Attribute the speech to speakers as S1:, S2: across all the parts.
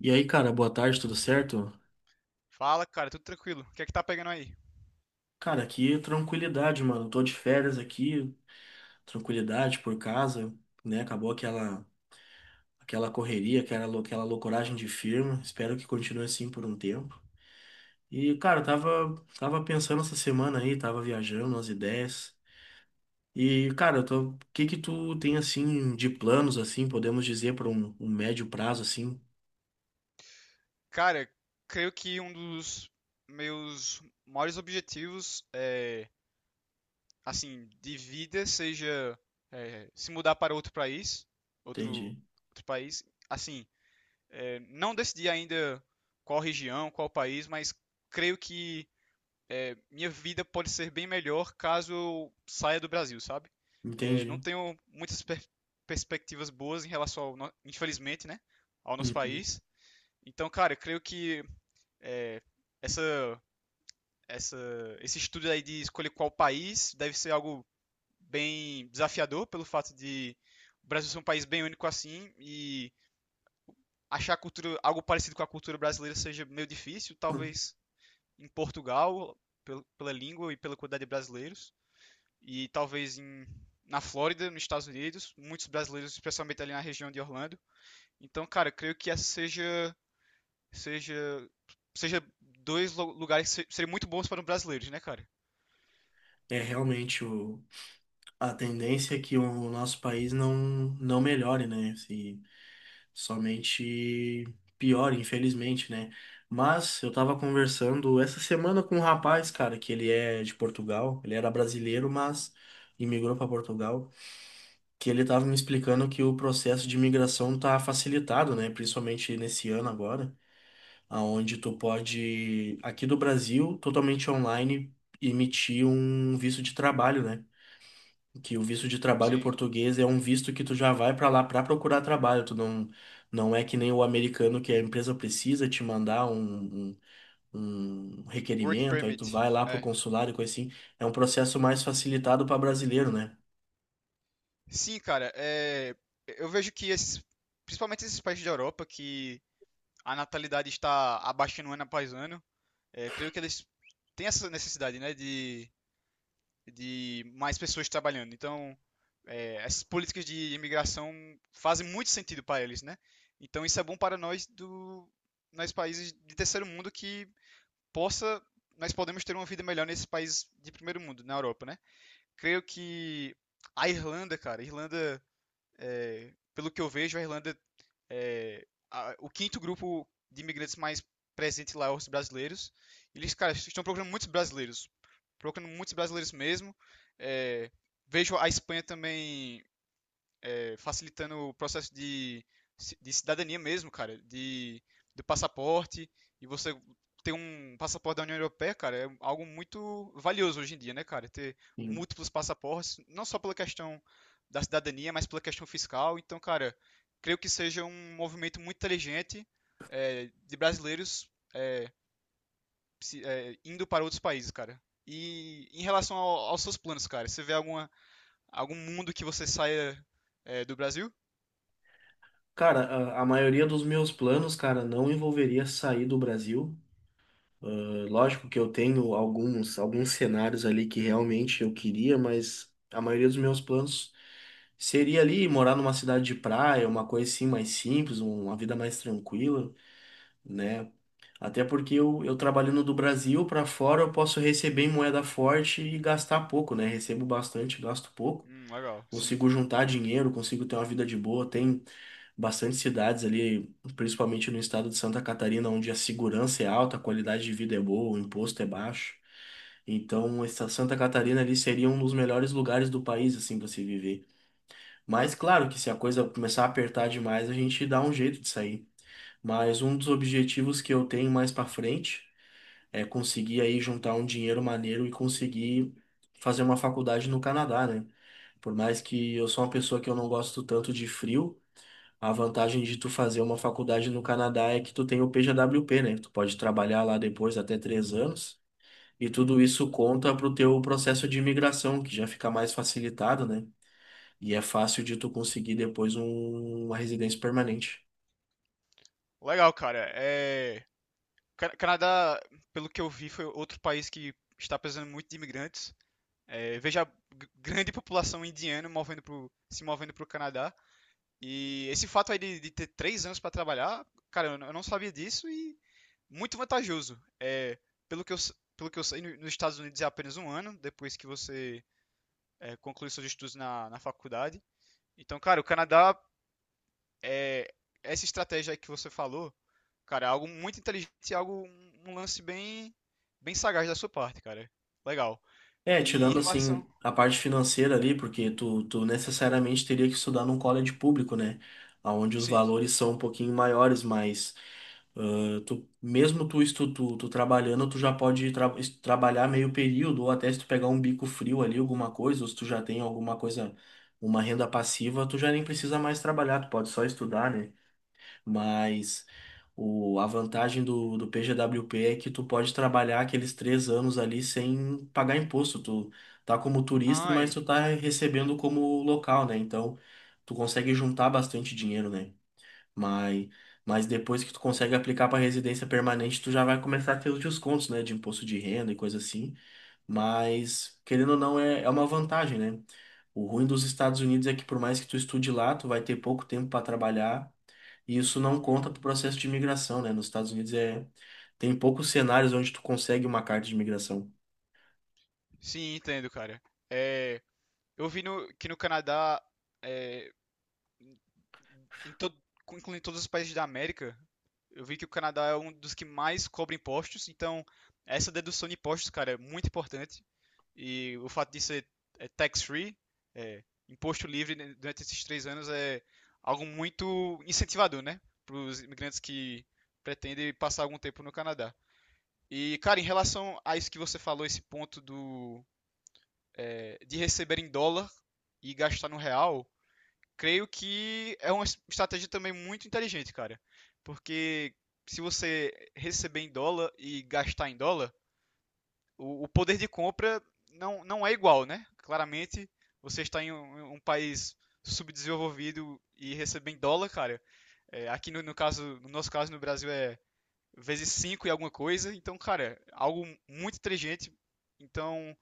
S1: E aí, cara, boa tarde, tudo certo?
S2: Fala, cara, tudo tranquilo. O que é que tá pegando aí?
S1: Cara, aqui tranquilidade, mano. Tô de férias aqui, tranquilidade por casa, né? Acabou aquela correria, aquela loucoragem de firma. Espero que continue assim por um tempo. E, cara, eu tava pensando essa semana aí, tava viajando umas ideias. E, cara, eu tô, o que que tu tem assim de planos assim, podemos dizer para um médio prazo assim?
S2: Cara, creio que um dos meus maiores objetivos assim, de vida seja se mudar para outro país, outro,
S1: Entendi.
S2: outro país. Assim, não decidi ainda qual região, qual país, mas creio que minha vida pode ser bem melhor caso eu saia do Brasil, sabe? É, não
S1: Entendi.
S2: tenho muitas perspectivas boas em relação ao, infelizmente, né, ao nosso
S1: Uhum.
S2: país. Então, cara, eu creio que é, essa, essa, esse estudo aí de escolher qual país deve ser algo bem desafiador pelo fato de o Brasil ser um país bem único assim e achar a cultura, algo parecido com a cultura brasileira seja meio difícil, talvez em Portugal, pela língua e pela quantidade de brasileiros, e na Flórida, nos Estados Unidos, muitos brasileiros, especialmente ali na região de Orlando. Então, cara, eu creio que essa seja seja seja lugares que seriam muito bons para um brasileiro, né, cara?
S1: É realmente o A tendência é que o nosso país não melhore, né? Se somente piore, infelizmente, né? Mas eu tava conversando essa semana com um rapaz, cara, que ele é de Portugal, ele era brasileiro, mas imigrou para Portugal, que ele tava me
S2: Uhum.
S1: explicando que o processo de imigração tá facilitado, né? Principalmente nesse ano agora, aonde tu pode, aqui do Brasil, totalmente online, emitir um visto de trabalho, né? Que o visto de trabalho
S2: Sim,
S1: português é um visto que tu já vai para lá para procurar trabalho, tu não é que nem o americano que a empresa precisa te mandar um
S2: work
S1: requerimento, aí tu
S2: permit.
S1: vai lá pro
S2: É.
S1: consulado e coisa assim. É um processo mais facilitado para brasileiro, né?
S2: Sim, cara, é, eu vejo que principalmente esses países da Europa, que a natalidade está abaixando ano após ano, creio que eles têm essa necessidade, né, de mais pessoas trabalhando. Então, essas políticas de imigração fazem muito sentido para eles, né? Então, isso é bom para nós países de terceiro mundo que possa nós podemos ter uma vida melhor nesse país de primeiro mundo, na Europa, né? Creio que a Irlanda, é, pelo que eu vejo, a Irlanda é o quinto grupo de imigrantes mais presente lá é os brasileiros. Eles, cara, estão procurando muitos brasileiros mesmo. É, vejo a Espanha também facilitando o processo de cidadania mesmo, do passaporte, e você ter um passaporte da União Europeia, cara, é algo muito valioso hoje em dia, né, cara? Ter
S1: Sim.
S2: múltiplos passaportes, não só pela questão da cidadania, mas pela questão fiscal. Então, cara, creio que seja um movimento muito inteligente de brasileiros indo para outros países, cara. E em relação aos seus planos, cara, você vê alguma, algum mundo que você saia do Brasil?
S1: Cara, a maioria dos meus planos, cara, não envolveria sair do Brasil. Lógico que eu tenho alguns cenários ali que realmente eu queria, mas a maioria dos meus planos seria ali morar numa cidade de praia, uma coisa assim mais simples, uma vida mais tranquila, né? Até porque eu trabalhando do Brasil para fora, eu posso receber em moeda forte e gastar pouco, né? Recebo bastante, gasto pouco.
S2: Legal, sim.
S1: Consigo juntar dinheiro, consigo ter uma vida de boa. Tem bastante cidades ali, principalmente no estado de Santa Catarina, onde a segurança é alta, a qualidade de vida é boa, o imposto é baixo. Então, essa Santa Catarina ali seria um dos melhores lugares do país, assim, pra se viver. Mas, claro que se a coisa começar a apertar demais, a gente dá um jeito de sair. Mas um dos objetivos que eu tenho mais pra frente é conseguir aí juntar um dinheiro maneiro e conseguir fazer uma faculdade no Canadá, né? Por mais que eu sou uma pessoa que eu não gosto tanto de frio, a vantagem de tu fazer uma faculdade no Canadá é que tu tem o PJWP, né? Tu pode trabalhar lá depois até três anos. E tudo isso
S2: Certo.
S1: conta pro teu processo de imigração, que já fica mais facilitado, né? E é fácil de tu conseguir depois uma residência permanente.
S2: Legal, cara. É... Canadá, pelo que eu vi, foi outro país que está precisando muito de imigrantes. É, veja a grande população indiana se movendo para o Canadá. E esse fato aí de ter três anos para trabalhar, cara, eu não sabia disso e muito vantajoso. É, pelo que eu sei, nos Estados Unidos é apenas um ano depois que você conclui seus estudos na faculdade. Então, cara, o Canadá é, essa estratégia aí que você falou, cara, é algo muito inteligente e algo, um lance bem, bem sagaz da sua parte, cara. Legal.
S1: É,
S2: E
S1: tirando
S2: em relação.
S1: assim a parte financeira ali, porque tu necessariamente teria que estudar num college público, né? Onde os
S2: Sim.
S1: valores são um pouquinho maiores, mas ah, tu, mesmo tu, estu, tu, tu trabalhando, tu já pode trabalhar meio período, ou até se tu pegar um bico frio ali, alguma coisa, ou se tu já tem alguma coisa, uma renda passiva, tu já nem precisa mais trabalhar, tu pode só estudar, né? Mas a vantagem do PGWP é que tu pode trabalhar aqueles três anos ali sem pagar imposto. Tu tá como turista, mas
S2: Ai.
S1: tu tá recebendo como local, né? Então tu consegue juntar bastante dinheiro, né? Mas, mas depois que tu consegue aplicar para residência permanente, tu já vai começar a ter os descontos, né? De imposto de renda e coisa assim. Mas, querendo ou não, é uma vantagem, né? O ruim dos Estados Unidos é que por mais que tu estude lá, tu vai ter pouco tempo para trabalhar e isso não conta
S2: Uhum.
S1: para o processo de imigração, né? Nos Estados Unidos é tem poucos cenários onde tu consegue uma carta de imigração.
S2: Sim, entendo, cara. É, eu vi no, que no Canadá, é, em todo, incluindo todos os países da América, eu vi que o Canadá é um dos que mais cobra impostos, então essa dedução de impostos, cara, é muito importante. E o fato de ser tax-free, é, imposto livre né, durante esses três anos, é algo muito incentivador, né? Para os imigrantes que pretendem passar algum tempo no Canadá. E, cara, em relação a isso que você falou, esse ponto do de receber em dólar e gastar no real, creio que é uma estratégia também muito inteligente, cara. Porque se você receber em dólar e gastar em dólar, o poder de compra não é igual, né? Claramente, você está em um país subdesenvolvido e receber em dólar, cara. É, aqui no, no caso, no nosso caso, no Brasil é vezes 5 e alguma coisa. Então, cara, é algo muito inteligente. Então,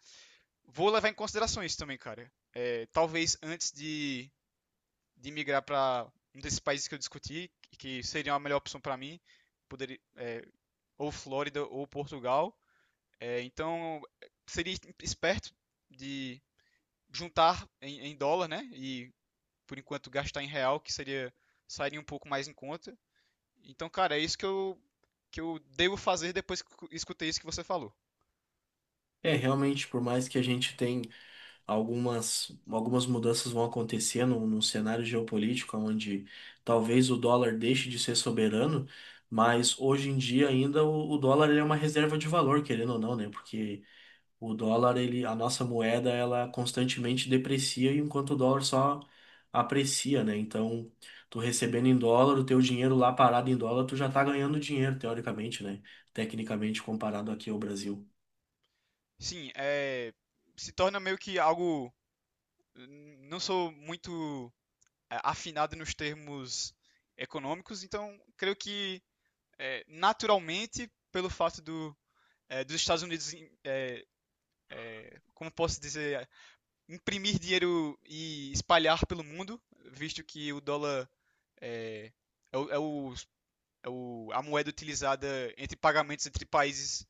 S2: vou levar em consideração isso também, cara. É, talvez antes de migrar para um desses países que eu discuti, que seria a melhor opção para mim, poderia, é, ou Flórida ou Portugal. É, então, seria esperto de juntar dólar, né? E por enquanto gastar em real, que seria sairia um pouco mais em conta. Então, cara, é isso que eu devo fazer depois que escutei isso que você falou.
S1: É, realmente, por mais que a gente tem algumas, algumas mudanças vão acontecer num cenário geopolítico onde talvez o dólar deixe de ser soberano, mas hoje em dia ainda o dólar ele é uma reserva de valor, querendo ou não, né? Porque o dólar, ele, a nossa moeda, ela constantemente deprecia, enquanto o dólar só aprecia, né? Então, tu recebendo em dólar, o teu dinheiro lá parado em dólar, tu já tá ganhando dinheiro, teoricamente, né? Tecnicamente, comparado aqui ao Brasil.
S2: Sim, é, se torna meio que algo não sou muito afinado nos termos econômicos. Então, creio que naturalmente, pelo fato do, é, dos Estados Unidos, é, como posso dizer, imprimir dinheiro e espalhar pelo mundo, visto que o dólar é, é, o, é, o, a moeda utilizada entre pagamentos entre países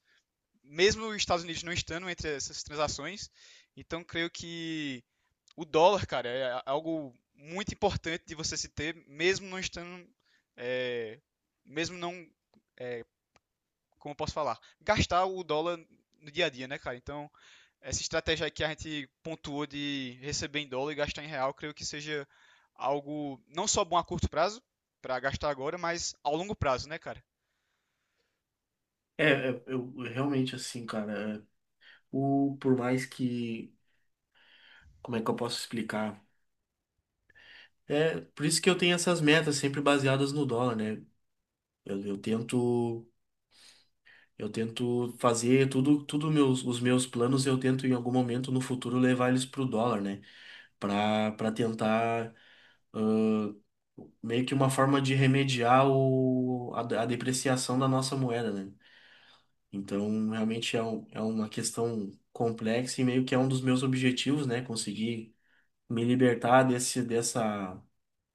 S2: mesmo os Estados Unidos não estando entre essas transações, então creio que o dólar, cara, é algo muito importante de você se ter, mesmo não estando, é, mesmo não, é, como eu posso falar, gastar o dólar no dia a dia, né, cara? Então, essa estratégia aí que a gente pontuou de receber em dólar e gastar em real, creio que seja algo não só bom a curto prazo, para gastar agora, mas ao longo prazo, né, cara?
S1: Eu realmente assim, cara, é, o, por mais que, como é que eu posso explicar? É, por isso que eu tenho essas metas sempre baseadas no dólar, né? Eu tento. Eu tento fazer tudo, tudo meus, os meus planos, eu tento em algum momento no futuro levar eles pro dólar, né? Para tentar meio que uma forma de remediar o, a depreciação da nossa moeda, né? Então, realmente é, um, é uma questão complexa e meio que é um dos meus objetivos, né? Conseguir me libertar desse, dessa,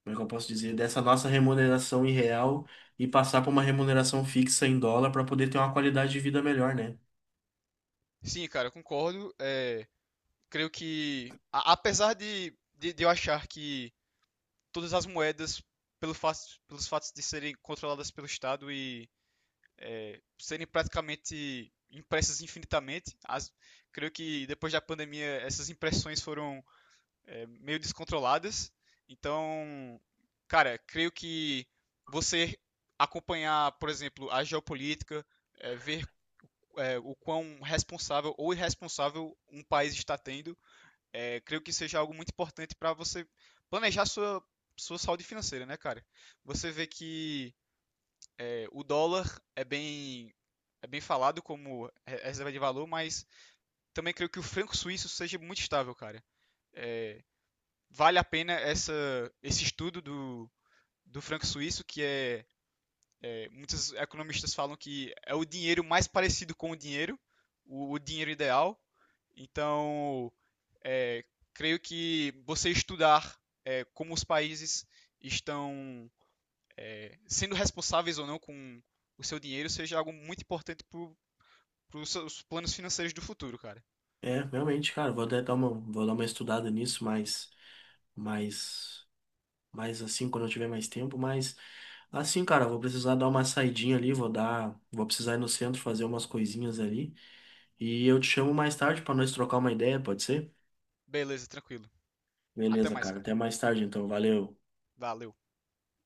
S1: como é que eu posso dizer, dessa nossa remuneração irreal e passar para uma remuneração fixa em dólar para poder ter uma qualidade de vida melhor, né?
S2: Sim, cara, eu concordo. É, creio que, apesar de eu achar que todas as moedas, pelo fato, pelos fatos de serem controladas pelo Estado e serem praticamente impressas infinitamente, as, creio que depois da pandemia essas impressões foram meio descontroladas. Então, cara, creio que você acompanhar, por exemplo, a geopolítica, ver o quão responsável ou irresponsável um país está tendo creio que seja algo muito importante para você planejar sua saúde financeira, né, cara? Você vê que o dólar é bem, é bem falado como reserva de valor, mas também creio que o franco suíço seja muito estável, cara. Vale a pena esse estudo do franco suíço, que muitos economistas falam que é o dinheiro mais parecido com o dinheiro, o dinheiro ideal. Então, é, creio que você estudar é, como os países estão sendo responsáveis ou não com o seu dinheiro seja algo muito importante para os planos financeiros do futuro, cara.
S1: É, realmente, cara, vou até dar uma, vou dar uma estudada nisso, mas, mas assim, quando eu tiver mais tempo, mas assim, cara, vou precisar dar uma saidinha ali, vou dar, vou precisar ir no centro fazer umas coisinhas ali, e eu te chamo mais tarde pra nós trocar uma ideia, pode ser?
S2: Beleza, tranquilo. Até
S1: Beleza,
S2: mais,
S1: cara,
S2: cara.
S1: até mais tarde então, valeu.
S2: Valeu.